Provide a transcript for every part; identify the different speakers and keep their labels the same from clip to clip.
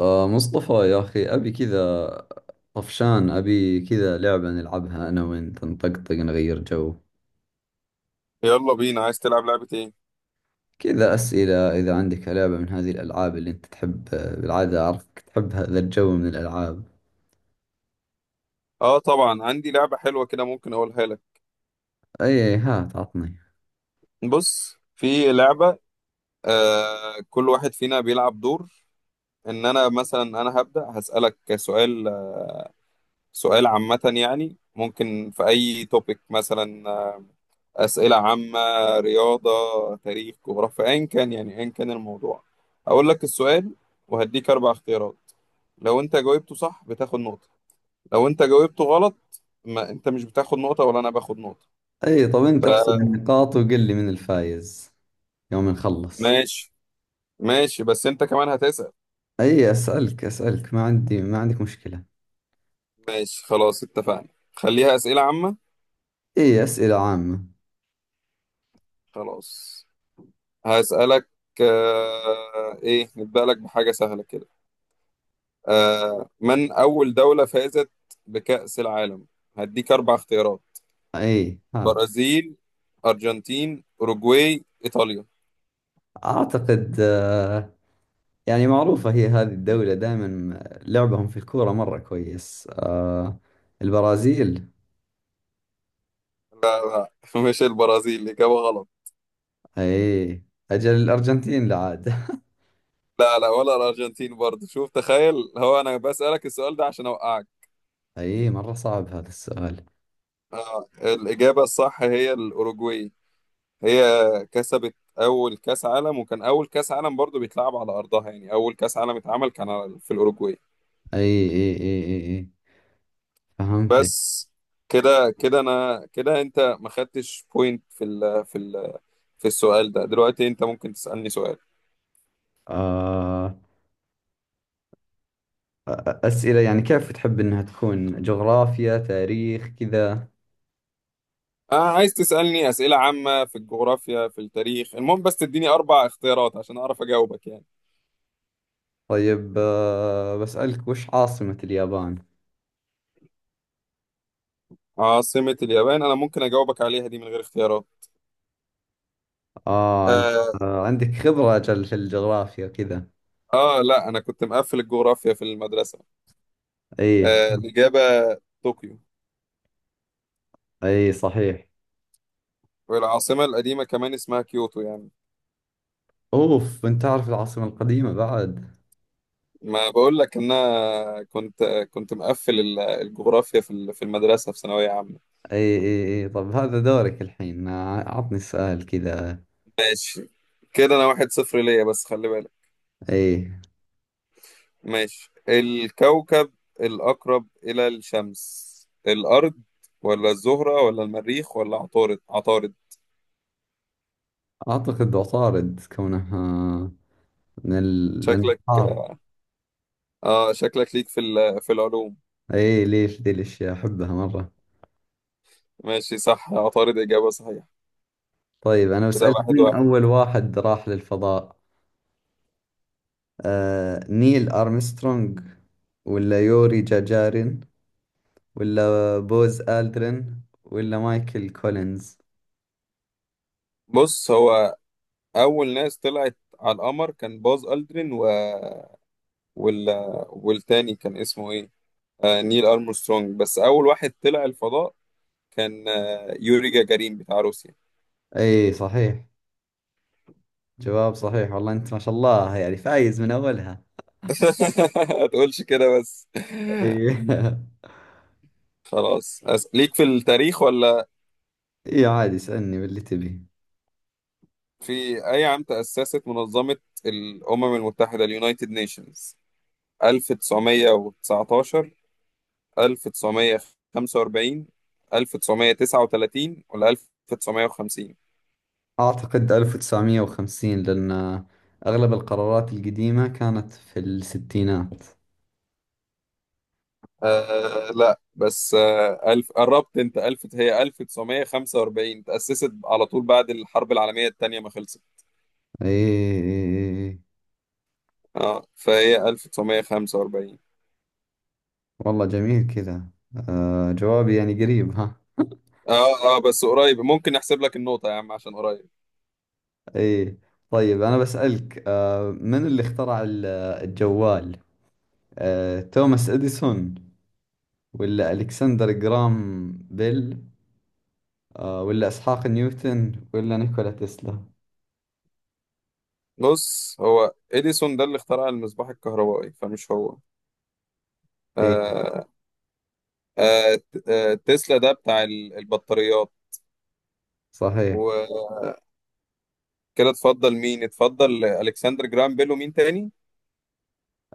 Speaker 1: مصطفى يا أخي، أبي كذا، طفشان، أبي كذا لعبة نلعبها أنا وأنت، نطقطق، نغير جو.
Speaker 2: يلا بينا عايز تلعب لعبة ايه؟
Speaker 1: كذا أسئلة، إذا عندك لعبة من هذه الألعاب اللي أنت تحب، بالعادة أعرفك تحب هذا الجو من الألعاب.
Speaker 2: اه طبعا عندي لعبة حلوة كده ممكن اقولها لك.
Speaker 1: أي، هات عطني.
Speaker 2: بص في لعبة. كل واحد فينا بيلعب دور. انا مثلا انا هبدأ هسألك سؤال. سؤال عامة يعني ممكن في اي توبيك مثلا اسئلة عامة، رياضة، تاريخ، جغرافيا، ايا كان يعني ايا كان الموضوع. اقول لك السؤال وهديك اربع اختيارات. لو انت جاوبته صح بتاخد نقطة، لو انت جاوبته غلط ما انت مش بتاخد نقطة ولا انا باخد نقطة.
Speaker 1: أي، طب أنت احسب النقاط وقل لي من الفايز يوم نخلص.
Speaker 2: ماشي. ماشي بس انت كمان هتسأل.
Speaker 1: أي، أسألك أسألك، ما عندي ما عندك مشكلة.
Speaker 2: ماشي، خلاص اتفقنا. خليها أسئلة عامة.
Speaker 1: أي، أسئلة عامة.
Speaker 2: خلاص. هسألك. ايه، نبدأ لك بحاجة سهلة كده. من أول دولة فازت بكأس العالم؟ هديك أربع اختيارات:
Speaker 1: أي، هات.
Speaker 2: برازيل، أرجنتين، أوروجواي، إيطاليا.
Speaker 1: أعتقد يعني معروفة هي هذه الدولة دائما، لعبهم في الكورة مرة كويس، البرازيل.
Speaker 2: لا لا. مش البرازيل، إجابة غلط.
Speaker 1: اي، اجل الارجنتين لا عاد.
Speaker 2: لا لا، ولا الأرجنتين برضه، شوف تخيل، هو أنا بسألك السؤال ده عشان أوقعك.
Speaker 1: اي، مرة صعب هذا السؤال.
Speaker 2: الإجابة الصح هي الأوروجواي. هي كسبت اول كاس عالم، وكان اول كاس عالم برضو بيتلعب على ارضها، يعني اول كاس عالم اتعمل كان في الاوروجواي.
Speaker 1: اي، اي، اي، اي، أي. فهمتك.
Speaker 2: بس. كده كده انا كده، انت ما خدتش بوينت في السؤال ده دلوقتي انت ممكن تسالني سؤال.
Speaker 1: آه اسئلة، يعني كيف تحب انها تكون، جغرافيا، تاريخ، كذا.
Speaker 2: انا عايز تسالني اسئله عامه في الجغرافيا، في التاريخ، المهم بس تديني اربع اختيارات عشان اعرف اجاوبك يعني.
Speaker 1: طيب، بسألك وش عاصمة اليابان؟
Speaker 2: عاصمة اليابان، انا ممكن اجاوبك عليها دي من غير اختيارات
Speaker 1: اه، انت
Speaker 2: آه,
Speaker 1: عندك خبرة اجل في الجغرافيا كذا.
Speaker 2: اه، لا انا كنت مقفل الجغرافيا في المدرسة.
Speaker 1: اي،
Speaker 2: الاجابة طوكيو.
Speaker 1: اي صحيح.
Speaker 2: والعاصمة القديمة كمان اسمها كيوتو يعني.
Speaker 1: اوف، انت تعرف العاصمة القديمة بعد.
Speaker 2: ما بقول لك ان انا كنت مقفل الجغرافيا في المدرسة في ثانوية عامة.
Speaker 1: اي، اي، اي، طب هذا دورك الحين، عطني سؤال كذا.
Speaker 2: ماشي. كده انا 1-0 ليا بس خلي بالك.
Speaker 1: اي،
Speaker 2: ماشي، الكوكب الأقرب إلى الشمس، الأرض ولا الزهرة ولا المريخ ولا عطارد؟ عطارد.
Speaker 1: اعتقد عطارد كونها من
Speaker 2: شكلك
Speaker 1: الانهار.
Speaker 2: اه شكلك ليك في العلوم.
Speaker 1: اي، ليش ذي الاشياء احبها مرة.
Speaker 2: ماشي صح، عطارد إجابة صحيحة.
Speaker 1: طيب، انا
Speaker 2: كده
Speaker 1: بسألك
Speaker 2: واحد
Speaker 1: مين
Speaker 2: واحد
Speaker 1: اول واحد راح للفضاء؟ نيل ارمسترونج، ولا يوري جاجارين، ولا بوز آلدرين، ولا مايكل كولينز؟
Speaker 2: بص هو أول ناس طلعت على القمر كان باز ألدرين وال... والتاني كان اسمه ايه، نيل ارمسترونج. بس اول واحد طلع الفضاء كان يوري جاجارين بتاع روسيا.
Speaker 1: اي صحيح، جواب صحيح، والله انت ما شاء الله يعني فايز من اولها.
Speaker 2: ما تقولش كده بس.
Speaker 1: ايه.
Speaker 2: خلاص ليك في التاريخ ولا؟
Speaker 1: ايه، عادي اسألني باللي تبي.
Speaker 2: في اي عام تأسست منظمة الأمم المتحدة اليونايتد نيشنز؟ 1919، 1945، 1939 ولا 1950؟
Speaker 1: أعتقد 1950، لأن أغلب القرارات القديمة كانت في الستينات.
Speaker 2: لا، بس ألف، قربت أنت، ألف، هي 1945 تأسست على طول بعد الحرب العالمية التانية ما خلصت.
Speaker 1: ايه، إيه، إيه.
Speaker 2: اه فهي 1945.
Speaker 1: والله جميل كذا. جوابي يعني قريب ها.
Speaker 2: اه اه بس قريب، ممكن نحسب لك النقطة يا عم عشان قريب.
Speaker 1: ايه. طيب، أنا بسألك من اللي اخترع الجوال؟ توماس إديسون، ولا ألكسندر جرام بيل، ولا إسحاق نيوتن، ولا نيكولا تسلا؟
Speaker 2: بص، هو إديسون ده اللي اخترع المصباح الكهربائي فمش هو.
Speaker 1: ايه
Speaker 2: آه تسلا ده بتاع البطاريات
Speaker 1: صحيح.
Speaker 2: وكده. اتفضل مين؟ اتفضل ألكسندر جرام بيل، ومين تاني؟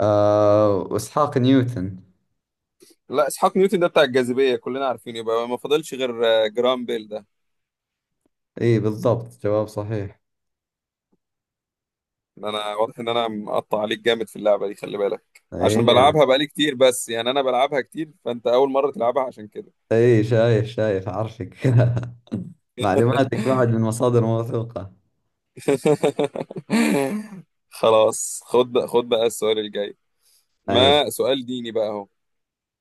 Speaker 1: واسحاق نيوتن.
Speaker 2: لا اسحاق نيوتن ده بتاع الجاذبيه كلنا عارفين، يبقى ما فاضلش غير جرام بيل ده.
Speaker 1: اي بالضبط، جواب صحيح.
Speaker 2: انا واضح ان انا مقطع عليك جامد في اللعبه دي، خلي بالك عشان
Speaker 1: اي،
Speaker 2: بلعبها بقالي كتير، بس يعني انا بلعبها كتير، فانت اول مره تلعبها عشان كده.
Speaker 1: اي، شايف شايف عارفك. معلوماتك بعد من مصادر موثوقة.
Speaker 2: خلاص، خد بقى خد بقى السؤال الجاي،
Speaker 1: اي.
Speaker 2: ما سؤال ديني بقى اهو.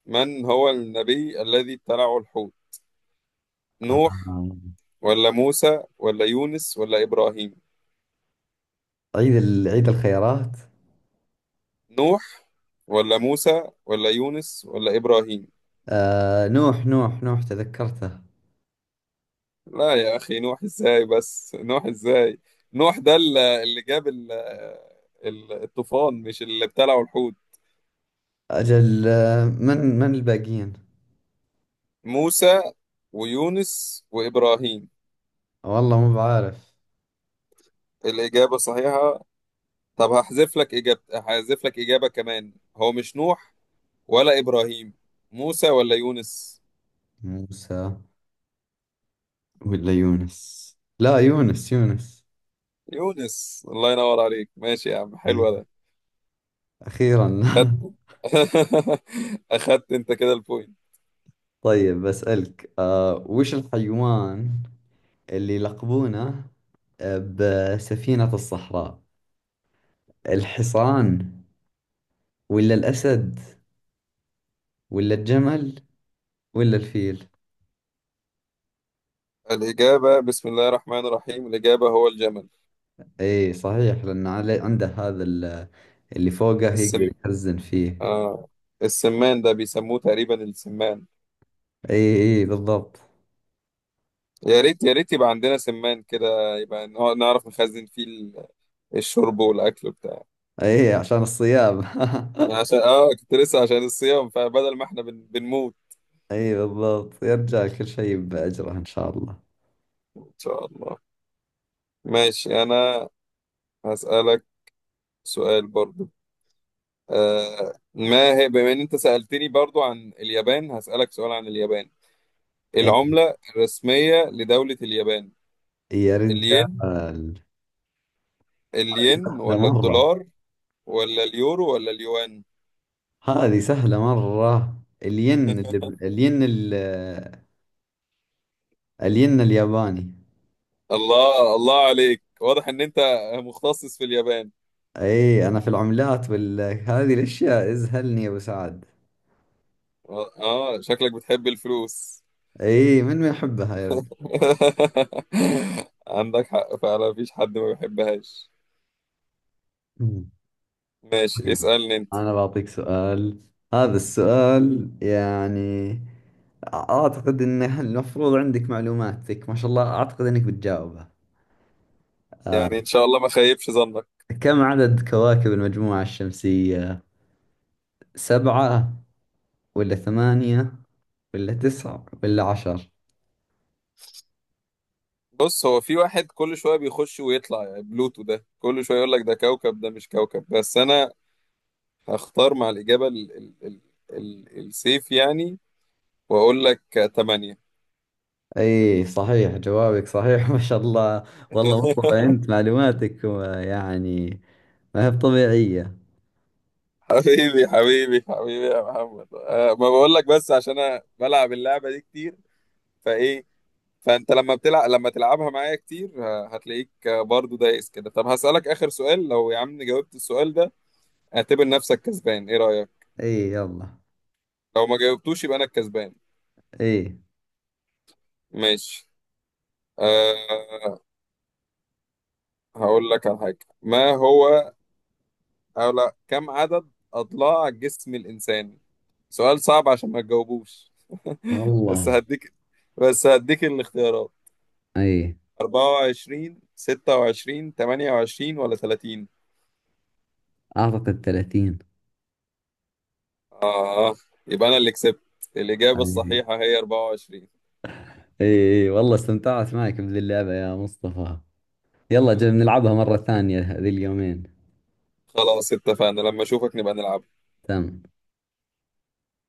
Speaker 2: من هو النبي الذي ابتلعه الحوت؟ نوح
Speaker 1: آه.
Speaker 2: ولا موسى ولا يونس ولا ابراهيم؟
Speaker 1: عيد الخيرات.
Speaker 2: نوح ولا موسى ولا يونس ولا ابراهيم؟
Speaker 1: نوح نوح نوح، تذكرته.
Speaker 2: لا يا أخي، نوح إزاي بس، نوح إزاي؟ نوح ده اللي جاب الطوفان، مش اللي ابتلعوا الحوت.
Speaker 1: اجل من من الباقيين؟
Speaker 2: موسى ويونس وإبراهيم.
Speaker 1: والله مو بعارف.
Speaker 2: الإجابة صحيحة. طب هحذف لك إجابة، هحذف لك إجابة كمان، هو مش نوح ولا إبراهيم. موسى ولا يونس؟
Speaker 1: موسى ولا يونس؟ لا، يونس يونس.
Speaker 2: يونس، الله ينور عليك، ماشي يا عم،
Speaker 1: إي.
Speaker 2: حلو ده.
Speaker 1: اخيرا.
Speaker 2: أخدت. أخدت أنت كده البوينت.
Speaker 1: طيب بسألك، وش الحيوان اللي يلقبونه بسفينة الصحراء؟ الحصان، ولا الأسد، ولا الجمل، ولا الفيل؟
Speaker 2: الإجابة بسم الله الرحمن الرحيم، الإجابة هو الجمل.
Speaker 1: اي صحيح، لأنه عنده هذا اللي فوقه
Speaker 2: السم...
Speaker 1: يقدر يخزن فيه.
Speaker 2: اه السمان ده بيسموه تقريبا السمان.
Speaker 1: اي، اي بالضبط.
Speaker 2: يا ريت يا ريت يبقى عندنا سمان كده، يبقى نعرف نخزن فيه الشرب والاكل بتاع.
Speaker 1: اي، عشان الصيام.
Speaker 2: عشان كنت لسه، عشان الصيام، فبدل ما احنا بنموت.
Speaker 1: اي بالضبط، يرجع كل شيء بأجره إن شاء الله.
Speaker 2: ان شاء الله. ماشي، انا هسألك سؤال برضو. ما هي بما ان انت سألتني برضو عن اليابان، هسألك سؤال عن اليابان.
Speaker 1: إي،
Speaker 2: العملة الرسمية لدولة اليابان،
Speaker 1: يا
Speaker 2: الين
Speaker 1: رجال. هذه
Speaker 2: الين
Speaker 1: سهلة
Speaker 2: ولا
Speaker 1: مرة.
Speaker 2: الدولار ولا اليورو ولا اليوان؟
Speaker 1: هذه سهلة مرة. الين اللي الين ال- الين الياباني.
Speaker 2: الله الله عليك، واضح ان انت مختصص في اليابان.
Speaker 1: اي، انا في العملات وال هذه الاشياء ازهلني يا ابو سعد.
Speaker 2: اه شكلك بتحب الفلوس.
Speaker 1: اي، من ما يحبها يا ولد.
Speaker 2: عندك حق فعلا، مفيش حد ما بيحبهاش.
Speaker 1: مم.
Speaker 2: ماشي،
Speaker 1: طيب،
Speaker 2: اسألني انت.
Speaker 1: انا بعطيك سؤال. هذا السؤال يعني اعتقد انه المفروض عندك معلوماتك ما شاء الله، اعتقد انك بتجاوبها.
Speaker 2: يعني ان شاء الله ما خيبش ظنك.
Speaker 1: كم عدد كواكب المجموعة الشمسية؟ سبعة، ولا ثمانية، ولا تسعة، ولا 10؟
Speaker 2: بص، هو في واحد كل شوية بيخش ويطلع يعني، بلوتو ده كل شوية يقول لك ده كوكب ده مش كوكب، بس انا هختار مع الإجابة ال ال ال ال السيف يعني، واقول لك 8.
Speaker 1: اي صحيح، جوابك صحيح. ما شاء الله. والله مصطفى انت معلوماتك يعني ما هي بطبيعية.
Speaker 2: حبيبي حبيبي حبيبي يا محمد، ما بقول لك بس عشان انا بلعب اللعبه دي كتير فايه، فانت لما تلعبها معايا كتير هتلاقيك برضو دايس كده. طب هسألك اخر سؤال، لو يا عم جاوبت السؤال ده، اعتبر نفسك كسبان، ايه رأيك؟
Speaker 1: اي، يلا.
Speaker 2: لو ما جاوبتوش يبقى انا الكسبان.
Speaker 1: اي،
Speaker 2: ماشي. أه هقول لك على حاجه ما هو. أو لا، كم عدد اضلاع جسم الانسان؟ سؤال صعب عشان ما تجاوبوش. بس
Speaker 1: والله.
Speaker 2: هديك بس هديك الاختيارات:
Speaker 1: اي،
Speaker 2: 24، 26، 28 ولا 30؟
Speaker 1: اعتقد 30.
Speaker 2: آه يبقى أنا اللي كسبت. الإجابة
Speaker 1: أي. اي،
Speaker 2: الصحيحة هي 24.
Speaker 1: اي والله استمتعت معك بذي اللعبة يا مصطفى. يلا جل
Speaker 2: وأنا
Speaker 1: نلعبها
Speaker 2: كمان.
Speaker 1: مرة ثانية ذي اليومين.
Speaker 2: خلاص اتفقنا لما أشوفك نبقى نلعب.
Speaker 1: تمام.